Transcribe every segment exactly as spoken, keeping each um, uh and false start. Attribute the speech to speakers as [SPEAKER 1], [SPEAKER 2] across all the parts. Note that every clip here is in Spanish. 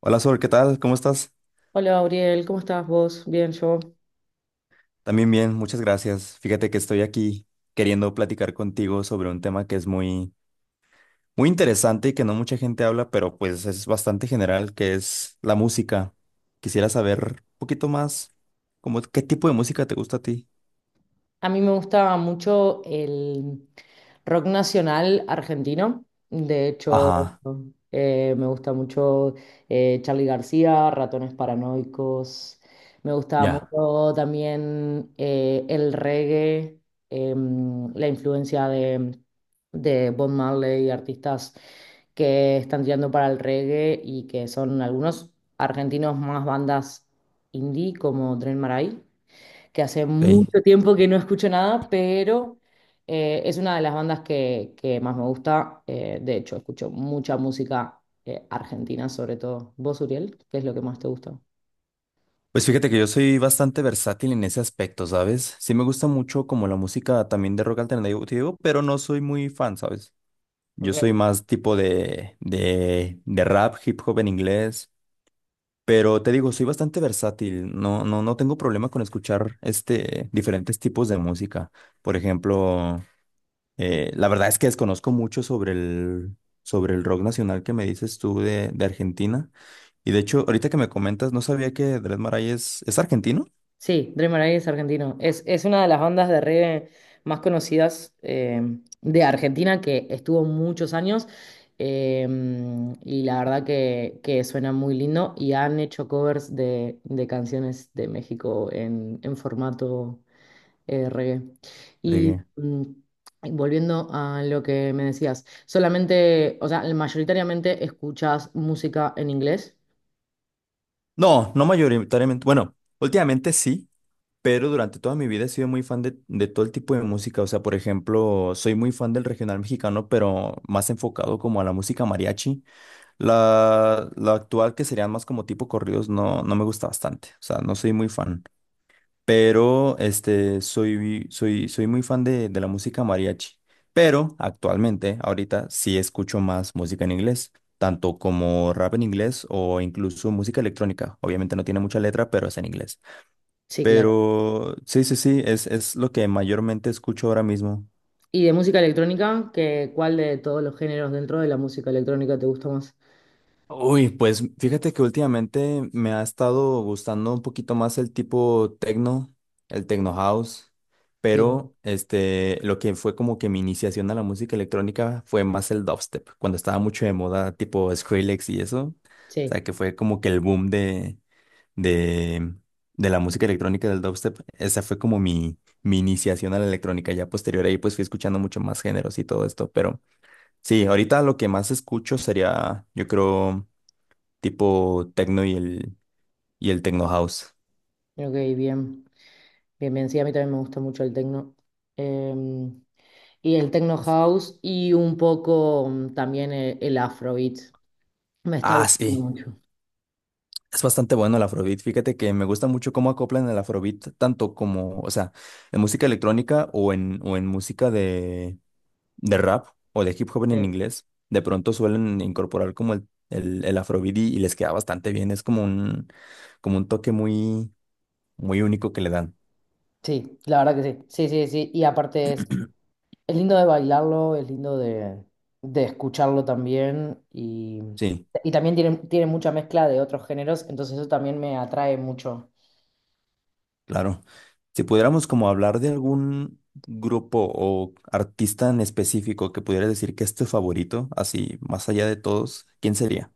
[SPEAKER 1] Hola Sol, ¿qué tal? ¿Cómo estás?
[SPEAKER 2] Hola, Auriel, ¿cómo estás vos? Bien, yo.
[SPEAKER 1] También bien, muchas gracias. Fíjate que estoy aquí queriendo platicar contigo sobre un tema que es muy, muy interesante y que no mucha gente habla, pero pues es bastante general, que es la música. Quisiera saber un poquito más, como qué tipo de música te gusta a ti.
[SPEAKER 2] A mí me gustaba mucho el rock nacional argentino. De hecho,
[SPEAKER 1] Ajá,
[SPEAKER 2] eh, me gusta mucho eh, Charly García, Ratones Paranoicos. Me gustaba
[SPEAKER 1] ya,
[SPEAKER 2] mucho también eh, el reggae, em, la influencia de, de Bob Marley, artistas que están tirando para el reggae y que son algunos argentinos más bandas indie como Dren Maray que hace
[SPEAKER 1] ok.
[SPEAKER 2] mucho tiempo que no escucho nada, pero eh, es una de las bandas que, que más me gusta. Eh, de hecho, escucho mucha música eh, argentina, sobre todo. ¿Vos, Uriel? ¿Qué es lo que más te gusta?
[SPEAKER 1] Pues fíjate que yo soy bastante versátil en ese aspecto, ¿sabes? Sí me gusta mucho como la música también de rock alternativo, pero no soy muy fan, ¿sabes? Yo soy
[SPEAKER 2] Ok.
[SPEAKER 1] más tipo de, de, de rap, hip hop en inglés, pero te digo, soy bastante versátil, no, no, no tengo problema con escuchar este, diferentes tipos de música. Por ejemplo, eh, la verdad es que desconozco mucho sobre el, sobre el rock nacional que me dices tú de, de Argentina. Y de hecho, ahorita que me comentas, no sabía que Dred Maray es, es argentino.
[SPEAKER 2] Sí, Dreamer Eye es argentino. Es, es una de las bandas de reggae más conocidas eh, de Argentina que estuvo muchos años. eh, y la verdad que, que suena muy lindo y han hecho covers de, de canciones de México en, en formato eh, reggae. Y
[SPEAKER 1] Fregué.
[SPEAKER 2] mm, y volviendo a lo que me decías, solamente, o sea, mayoritariamente escuchas música en inglés.
[SPEAKER 1] No, no mayoritariamente, bueno, últimamente sí. Pero durante toda mi vida he sido muy fan de, de todo el tipo de música. O sea, por ejemplo, soy muy fan del regional mexicano, pero más enfocado como a la música mariachi. La, la actual, que serían más como tipo corridos, no, no me gusta bastante. O sea, no soy muy fan. Pero este, soy, soy, soy muy fan de, de la música mariachi. Pero actualmente, ahorita, sí escucho más música en inglés, tanto como rap en inglés o incluso música electrónica. Obviamente no tiene mucha letra, pero es en inglés.
[SPEAKER 2] Sí, claro.
[SPEAKER 1] Pero sí, sí, sí, es, es lo que mayormente escucho ahora mismo.
[SPEAKER 2] Y de música electrónica, que, ¿cuál de todos los géneros dentro de la música electrónica te gusta más?
[SPEAKER 1] Uy, pues fíjate que últimamente me ha estado gustando un poquito más el tipo techno, el techno house,
[SPEAKER 2] Bien,
[SPEAKER 1] pero este, lo que fue como que mi iniciación a la música electrónica fue más el dubstep, cuando estaba mucho de moda, tipo Skrillex y eso. O sea,
[SPEAKER 2] sí,
[SPEAKER 1] que fue como que el boom de, de, de la música electrónica del dubstep. Esa fue como mi, mi iniciación a la electrónica. Ya posterior ahí pues fui escuchando mucho más géneros y todo esto. Pero sí, ahorita lo que más escucho sería, yo creo, tipo techno y el, y el techno house.
[SPEAKER 2] ok, bien. Bien, bien, sí, a mí también me gusta mucho el techno. Eh, y el techno house y un poco mm, también el, el afrobeat. Me está
[SPEAKER 1] Ah,
[SPEAKER 2] gustando
[SPEAKER 1] sí.
[SPEAKER 2] mucho.
[SPEAKER 1] Es bastante bueno el Afrobeat. Fíjate que me gusta mucho cómo acoplan el Afrobeat, tanto como, o sea, en música electrónica o en, o en música de, de rap o de hip hop en
[SPEAKER 2] Sí,
[SPEAKER 1] inglés, de pronto suelen incorporar como el, el, el afrobeat y, y les queda bastante bien. Es como un, como un toque muy, muy único que le dan.
[SPEAKER 2] sí, la verdad que sí. Sí, sí, sí. Y aparte es Es lindo de bailarlo, es lindo de, de escucharlo también y,
[SPEAKER 1] Sí,
[SPEAKER 2] y también tiene, tiene mucha mezcla de otros géneros, entonces eso también me atrae mucho.
[SPEAKER 1] claro. Si pudiéramos como hablar de algún grupo o artista en específico que pudieras decir que es tu favorito, así más allá de todos, ¿quién sería?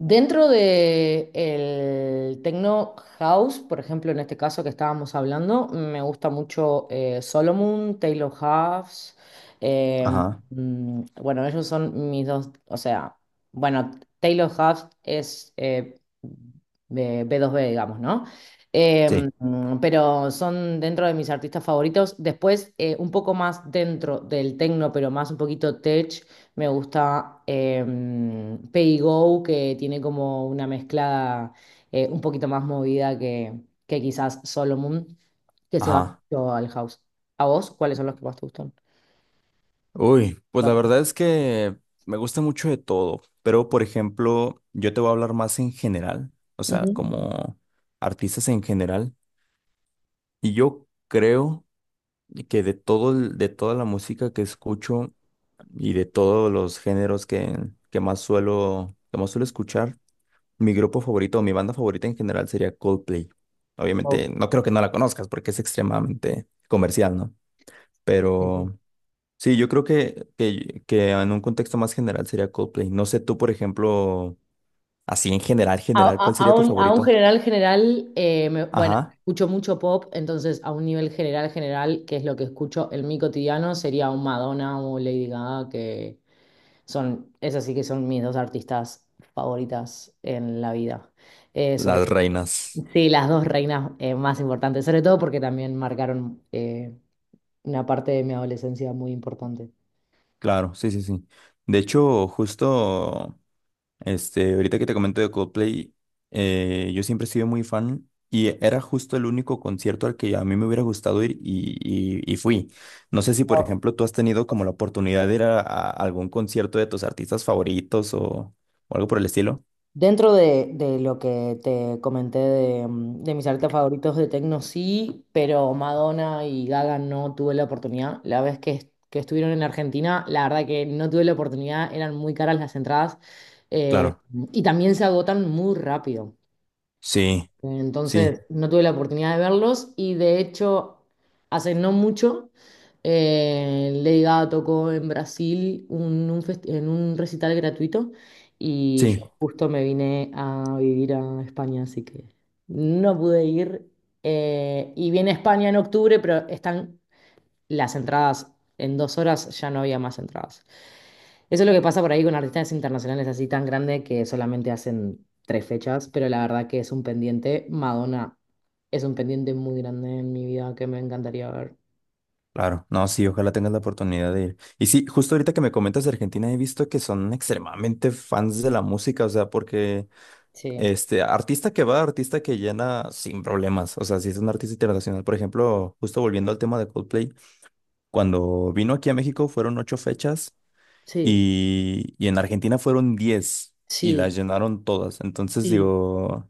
[SPEAKER 2] Dentro de el techno house, por ejemplo, en este caso que estábamos hablando, me gusta mucho eh, Solomon, Taylor Hawkes. eh,
[SPEAKER 1] Ajá,
[SPEAKER 2] mm, bueno, ellos son mis dos, o sea, bueno, Taylor Hawkes es eh, B- B2B, digamos, ¿no? Eh,
[SPEAKER 1] sí,
[SPEAKER 2] mm, pero son dentro de mis artistas favoritos. Después, eh, un poco más dentro del techno, pero más un poquito tech. Me gusta eh, Pay Go, que tiene como una mezcla eh, un poquito más movida que, que quizás Solomon, que se va
[SPEAKER 1] ajá.
[SPEAKER 2] mucho al house. ¿A vos cuáles son los que más te gustan?
[SPEAKER 1] Uy, pues la
[SPEAKER 2] Claro.
[SPEAKER 1] verdad es que me gusta mucho de todo, pero por ejemplo, yo te voy a hablar más en general, o sea,
[SPEAKER 2] Ujú.
[SPEAKER 1] como artistas en general, y yo creo que de todo el- de toda la música que escucho y de todos los géneros que, que más suelo, que más suelo escuchar, mi grupo favorito o mi banda favorita en general sería Coldplay. Obviamente,
[SPEAKER 2] Oh,
[SPEAKER 1] no creo que no la conozcas porque es extremadamente comercial, ¿no?
[SPEAKER 2] sí, sí.
[SPEAKER 1] Pero sí, yo creo que, que, que en un contexto más general sería Coldplay. No sé tú, por ejemplo, así en general,
[SPEAKER 2] A,
[SPEAKER 1] general,
[SPEAKER 2] a-
[SPEAKER 1] ¿cuál
[SPEAKER 2] a
[SPEAKER 1] sería tu
[SPEAKER 2] un, a un
[SPEAKER 1] favorito?
[SPEAKER 2] general general, eh, me- bueno,
[SPEAKER 1] Ajá,
[SPEAKER 2] escucho mucho pop, entonces a un nivel general general, que es lo que escucho en mi cotidiano, sería un Madonna o Lady Gaga, que son, esas sí que son mis dos artistas favoritas en la vida. Eh, sobre,
[SPEAKER 1] las reinas.
[SPEAKER 2] sí, las dos reinas eh, más importantes, sobre todo porque también marcaron eh, una parte de mi adolescencia muy importante.
[SPEAKER 1] Claro, sí, sí, sí. De hecho, justo, este, ahorita que te comento de Coldplay, eh, yo siempre he sido muy fan y era justo el único concierto al que a mí me hubiera gustado ir y, y, y fui. No sé si, por ejemplo, tú has tenido como la oportunidad de ir a, a algún concierto de tus artistas favoritos o, o algo por el estilo.
[SPEAKER 2] Dentro de, de lo que te comenté de, mm, de mis artistas favoritos de techno, sí, pero Madonna y Gaga no tuve la oportunidad. La vez que, est- que estuvieron en Argentina, la verdad que no tuve la oportunidad, eran muy caras las entradas eh,
[SPEAKER 1] Claro.
[SPEAKER 2] y también se agotan muy rápido.
[SPEAKER 1] Sí, sí,
[SPEAKER 2] Entonces, no tuve la oportunidad de verlos y de hecho, hace no mucho, eh, Lady Gaga tocó en Brasil un- un fest- en un recital gratuito y yo
[SPEAKER 1] sí,
[SPEAKER 2] justo me vine a vivir a España, así que no pude ir. Eh, y viene a España en octubre, pero están las entradas, en dos horas ya no había más entradas. Eso es lo que pasa por ahí con artistas internacionales así tan grandes que solamente hacen tres fechas, pero la verdad que es un pendiente. Madonna es un pendiente muy grande en mi vida que me encantaría ver.
[SPEAKER 1] claro. No, sí, ojalá tengas la oportunidad de ir. Y sí, justo ahorita que me comentas de Argentina, he visto que son extremadamente fans de la música, o sea, porque
[SPEAKER 2] Sí,
[SPEAKER 1] este artista que va, artista que llena sin problemas. O sea, si es un artista internacional, por ejemplo, justo volviendo al tema de Coldplay, cuando vino aquí a México fueron ocho fechas
[SPEAKER 2] sí,
[SPEAKER 1] y, y en Argentina fueron diez y las
[SPEAKER 2] sí,
[SPEAKER 1] llenaron todas. Entonces
[SPEAKER 2] sí.
[SPEAKER 1] digo,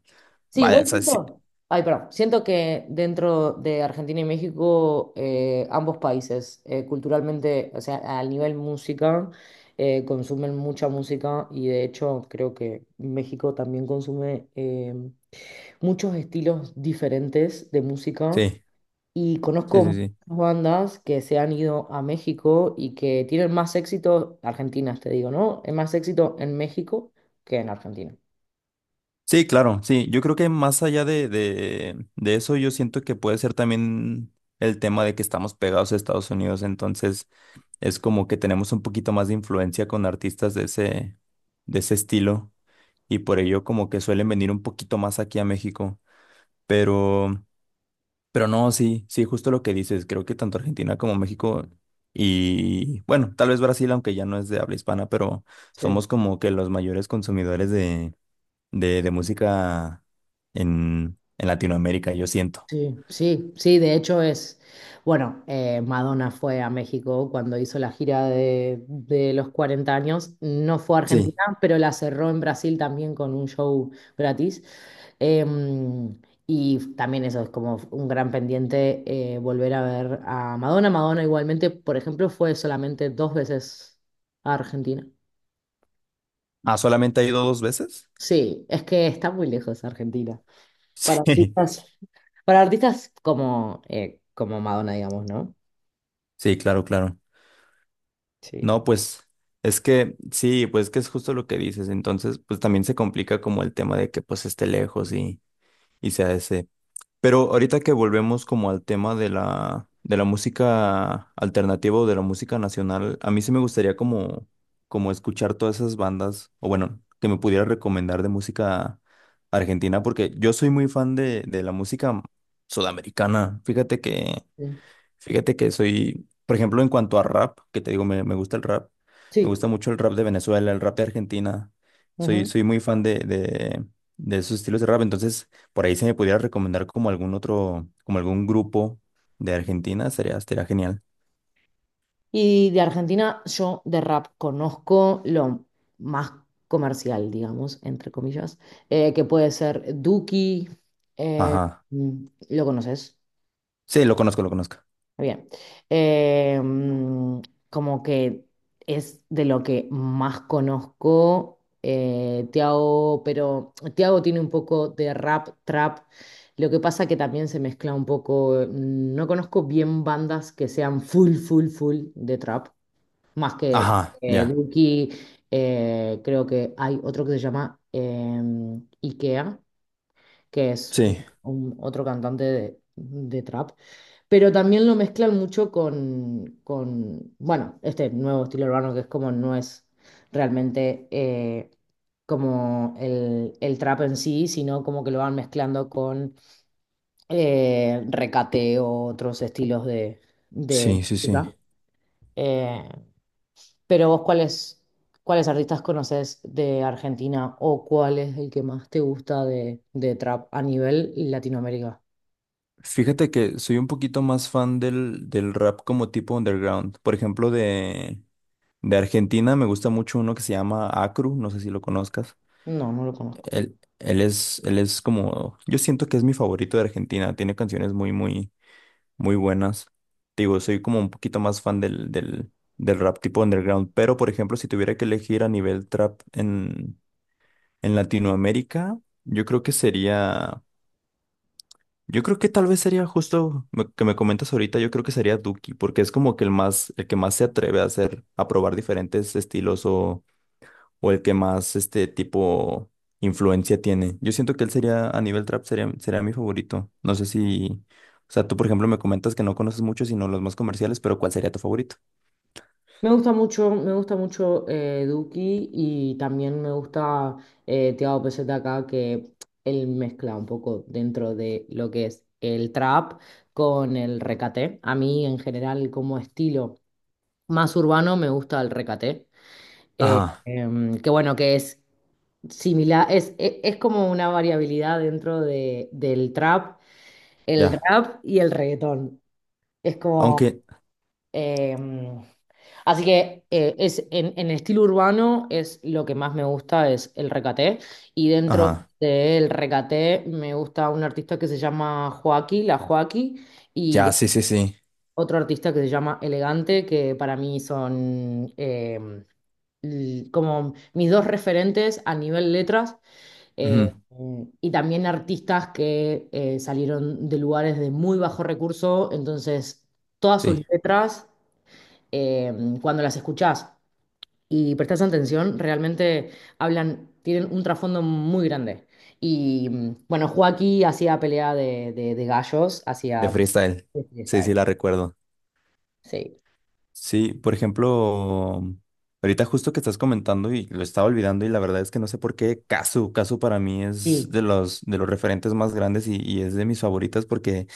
[SPEAKER 2] Sí,
[SPEAKER 1] vaya,
[SPEAKER 2] igual
[SPEAKER 1] o sea, sí,
[SPEAKER 2] siento. Ay, perdón. Siento que dentro de Argentina y México, eh, ambos países, eh, culturalmente, o sea, al nivel música, eh, consumen mucha música y de hecho creo que México también consume em, muchos estilos diferentes de música
[SPEAKER 1] sí,
[SPEAKER 2] y
[SPEAKER 1] sí,
[SPEAKER 2] conozco
[SPEAKER 1] sí,
[SPEAKER 2] muchas
[SPEAKER 1] sí.
[SPEAKER 2] bandas que se han ido a México y que tienen más éxito, argentinas te digo, ¿no? Es más éxito en México que en Argentina.
[SPEAKER 1] Sí, claro, sí. Yo creo que más allá de, de, de eso, yo siento que puede ser también el tema de que estamos pegados a Estados Unidos, entonces es como que tenemos un poquito más de influencia con artistas de ese, de ese estilo y por ello como que suelen venir un poquito más aquí a México. Pero, pero no, sí, sí, justo lo que dices, creo que tanto Argentina como México y bueno, tal vez Brasil, aunque ya no es de habla hispana, pero
[SPEAKER 2] Sí.
[SPEAKER 1] somos como que los mayores consumidores de, de música en, en Latinoamérica, yo siento.
[SPEAKER 2] Sí, sí, sí, de hecho es, bueno, eh, Madonna fue a México cuando hizo la gira de, de los cuarenta años, no fue a Argentina,
[SPEAKER 1] Sí.
[SPEAKER 2] pero la cerró en Brasil también con un show gratis. Em, y también eso es como un gran pendiente eh, volver a ver a Madonna. Madonna igualmente, por ejemplo, fue solamente dos veces a Argentina.
[SPEAKER 1] Ah, ¿solamente ha ido dos veces?
[SPEAKER 2] Sí, es que está muy lejos Argentina. Para
[SPEAKER 1] Sí,
[SPEAKER 2] artistas, para artistas como, eh, como Madonna, digamos, ¿no?
[SPEAKER 1] sí, claro, claro.
[SPEAKER 2] Sí.
[SPEAKER 1] No, pues es que sí, pues que es justo lo que dices. Entonces, pues también se complica como el tema de que pues esté lejos y, y sea ese. Pero ahorita que volvemos como al tema de la, de la música alternativa o de la música nacional, a mí sí me gustaría como, como escuchar todas esas bandas, o bueno, que me pudiera recomendar de música argentina, porque yo soy muy fan de, de la música sudamericana. Fíjate que
[SPEAKER 2] Sí.
[SPEAKER 1] Fíjate que soy, por ejemplo, en cuanto a rap, que te digo, me, me gusta el rap, me
[SPEAKER 2] Sí.
[SPEAKER 1] gusta mucho el rap de Venezuela, el rap de Argentina, soy,
[SPEAKER 2] Ujú.
[SPEAKER 1] soy muy fan de, de, de esos estilos de rap, entonces por ahí si me pudiera recomendar como algún otro, como algún grupo de Argentina, sería, estaría genial.
[SPEAKER 2] Y de Argentina yo de rap conozco lo más comercial, digamos, entre comillas, eh, que puede ser Duki. eh,
[SPEAKER 1] Ajá,
[SPEAKER 2] mm, ¿Lo conoces?
[SPEAKER 1] sí, lo conozco, lo conozco.
[SPEAKER 2] Bien. Eh, mm, Como que es de lo que más conozco, eh, Tiago, pero Tiago tiene un poco de rap, trap. Lo que pasa que también se mezcla un poco. eh, No conozco bien bandas que sean full, full, full de trap. Más que
[SPEAKER 1] Ajá,
[SPEAKER 2] eh,
[SPEAKER 1] ya,
[SPEAKER 2] Duki, eh, creo que hay otro que se llama em, Ikea que es un-
[SPEAKER 1] sí,
[SPEAKER 2] un- otro cantante de, de trap, pero también lo mezclan mucho con, con, bueno, este nuevo estilo urbano que es como no es realmente eh, como el, el trap en sí, sino como que lo van mezclando con eh, recateo, otros estilos de, de
[SPEAKER 1] sí, sí, sí.
[SPEAKER 2] música. Eh, pero vos, ¿cuáles, cuáles artistas conoces de Argentina o cuál es el que más te gusta de, de trap a nivel Latinoamérica?
[SPEAKER 1] Fíjate que soy un poquito más fan del, del rap como tipo underground, por ejemplo, de... De Argentina me gusta mucho uno que se llama Acru, no sé si lo conozcas.
[SPEAKER 2] No, no lo conozco.
[SPEAKER 1] Él, él es, él es como, yo siento que es mi favorito de Argentina, tiene canciones muy, muy, muy buenas. Te digo, soy como un poquito más fan del, del, del rap tipo underground, pero por ejemplo, si tuviera que elegir a nivel trap en, en Latinoamérica, yo creo que sería, yo creo que tal vez sería justo me- que me comentas ahorita, yo creo que sería Duki, porque es como que el más, el que más se atreve a hacer, a probar diferentes estilos o o el que más este tipo influencia tiene. Yo siento que él sería, a nivel trap, sería, sería mi favorito. No sé si, o sea, tú por ejemplo me comentas que no conoces mucho, sino los más comerciales, pero ¿cuál sería tu favorito?
[SPEAKER 2] Me gusta mucho, me gusta mucho eh, Duki y también me gusta eh, Tiago P Z K, que él mezcla un poco dentro de lo que es el trap con el recate. A mí, en general, como estilo más urbano, me gusta el recate. Eh,
[SPEAKER 1] Ajá,
[SPEAKER 2] em, que bueno, que es similar, es, e- es, como una variabilidad dentro de, del trap, el
[SPEAKER 1] ya.
[SPEAKER 2] rap y el reggaetón. Es como
[SPEAKER 1] Aunque,
[SPEAKER 2] em, así que eh, es, en, en el estilo urbano es lo que más me gusta, es el recaté. Y dentro
[SPEAKER 1] ajá,
[SPEAKER 2] del recaté me gusta un artista que se llama Joaquí, La Joaquí, y
[SPEAKER 1] ya,
[SPEAKER 2] de-
[SPEAKER 1] sí, sí, sí.
[SPEAKER 2] otro artista que se llama Elegante, que para mí son em, l- como mis dos referentes a nivel letras eh,
[SPEAKER 1] Ujú,
[SPEAKER 2] y también artistas que eh, salieron de lugares de muy bajo recurso, entonces todas sus
[SPEAKER 1] sí,
[SPEAKER 2] letras, eh, cuando las escuchás y prestás atención, realmente hablan, tienen un trasfondo muy grande. Y mm, bueno, Joaquín hacía pelea de, de- de gallos,
[SPEAKER 1] de
[SPEAKER 2] hacía
[SPEAKER 1] freestyle.
[SPEAKER 2] tipo
[SPEAKER 1] Sí, sí,
[SPEAKER 2] freestyle.
[SPEAKER 1] la recuerdo.
[SPEAKER 2] Sí.
[SPEAKER 1] Sí, por ejemplo, ahorita justo que estás comentando y lo estaba olvidando y la verdad es que no sé por qué Casu, Casu para mí es de
[SPEAKER 2] Sí.
[SPEAKER 1] los, de los referentes más grandes y, y es de mis favoritas porque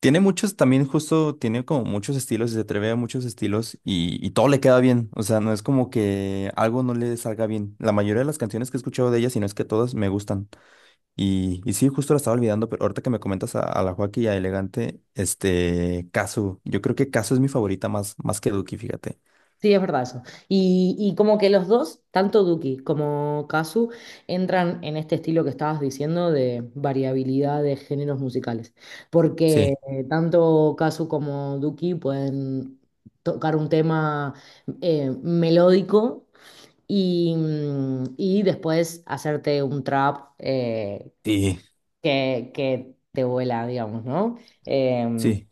[SPEAKER 1] tiene muchos, también justo, tiene como muchos estilos y se atreve a muchos estilos y, y todo le queda bien. O sea, no es como que algo no le salga bien. La mayoría de las canciones que he escuchado de ella, si no es que todas, me gustan. Y, y sí, justo la estaba olvidando, pero ahorita que me comentas a, a la Joaquín y a Elegante, este, Casu. Yo creo que Casu es mi favorita más, más que Duki, fíjate.
[SPEAKER 2] Sí, es verdad eso. Y, y como que los dos, tanto Duki como Kazu, entran en este estilo que estabas diciendo de variabilidad de géneros musicales. Porque
[SPEAKER 1] Sí,
[SPEAKER 2] eh, tanto Kazu como Duki pueden tocar un tema eh, melódico y, mm, y después hacerte un trap eh,
[SPEAKER 1] sí,
[SPEAKER 2] que, que te vuela, digamos, ¿no? Em,
[SPEAKER 1] sí,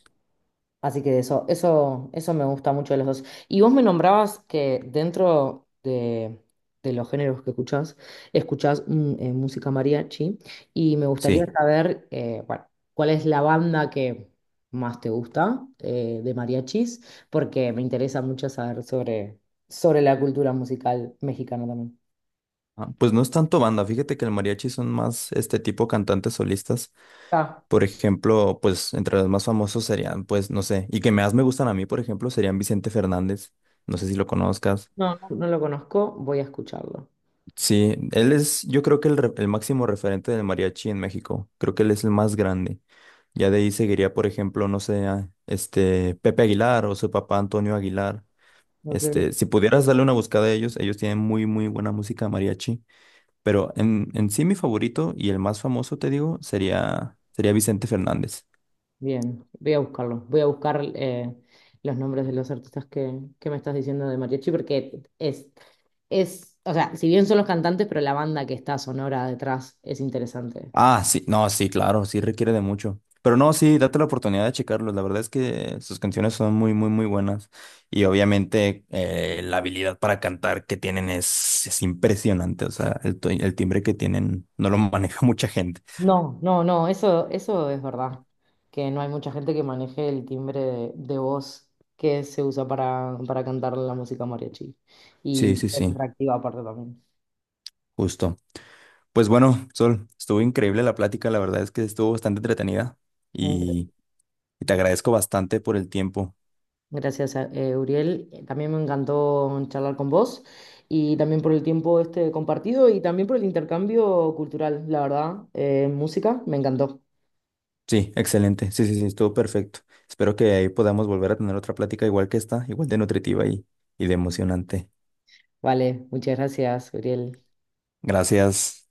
[SPEAKER 2] Así que eso, eso, eso me gusta mucho de los dos. Y vos me nombrabas que dentro de, de los géneros que escuchás, escuchás mm, eh, música mariachi. Y me gustaría
[SPEAKER 1] sí.
[SPEAKER 2] saber, eh, bueno, cuál es la banda que más te gusta eh, de mariachis, porque me interesa mucho saber sobre, sobre la cultura musical mexicana también.
[SPEAKER 1] Ah, pues no es tanto banda, fíjate que el mariachi son más este tipo cantantes solistas.
[SPEAKER 2] Ah,
[SPEAKER 1] Por ejemplo, pues entre los más famosos serían, pues, no sé, y que más me gustan a mí, por ejemplo, serían Vicente Fernández. No sé si lo conozcas.
[SPEAKER 2] no, no, no lo conozco, voy a escucharlo.
[SPEAKER 1] Sí, él es, yo creo que el, re- el máximo referente del mariachi en México. Creo que él es el más grande. Ya de ahí seguiría, por ejemplo, no sé, a, este Pepe Aguilar o su papá Antonio Aguilar.
[SPEAKER 2] Ok.
[SPEAKER 1] Este, si pudieras darle una buscada a ellos, ellos tienen muy, muy buena música mariachi. Pero en, en sí mi favorito y el más famoso, te digo, sería, sería Vicente Fernández.
[SPEAKER 2] Bien, voy a buscarlo. Voy a buscar eh, los nombres de los artistas que, que me estás diciendo de mariachi, porque es, es, o sea, si bien son los cantantes, pero la banda que está sonora detrás es interesante.
[SPEAKER 1] Ah, sí, no, sí, claro, sí requiere de mucho. Pero no, sí, date la oportunidad de checarlos. La verdad es que sus canciones son muy, muy, muy buenas. Y obviamente eh, la habilidad para cantar que tienen es, es impresionante. O sea, el, to- el timbre que tienen no lo maneja mucha gente.
[SPEAKER 2] No, no, no, eso, eso es verdad, que no hay mucha gente que maneje el timbre de, de voz que se usa para, para cantar la música mariachi.
[SPEAKER 1] Sí,
[SPEAKER 2] Y
[SPEAKER 1] sí,
[SPEAKER 2] es
[SPEAKER 1] sí,
[SPEAKER 2] atractiva aparte también.
[SPEAKER 1] justo. Pues bueno, Sol, estuvo increíble la plática. La verdad es que estuvo bastante entretenida. Y, y te agradezco bastante por el tiempo.
[SPEAKER 2] Gracias, eh, Uriel. También me encantó charlar con vos y también por el tiempo este compartido y también por el intercambio cultural, la verdad. Eh, música, me encantó.
[SPEAKER 1] Sí, excelente. Sí, sí, sí, estuvo perfecto. Espero que ahí podamos volver a tener otra plática igual que esta, igual de nutritiva y, y de emocionante.
[SPEAKER 2] Vale, muchas gracias, Uriel.
[SPEAKER 1] Gracias.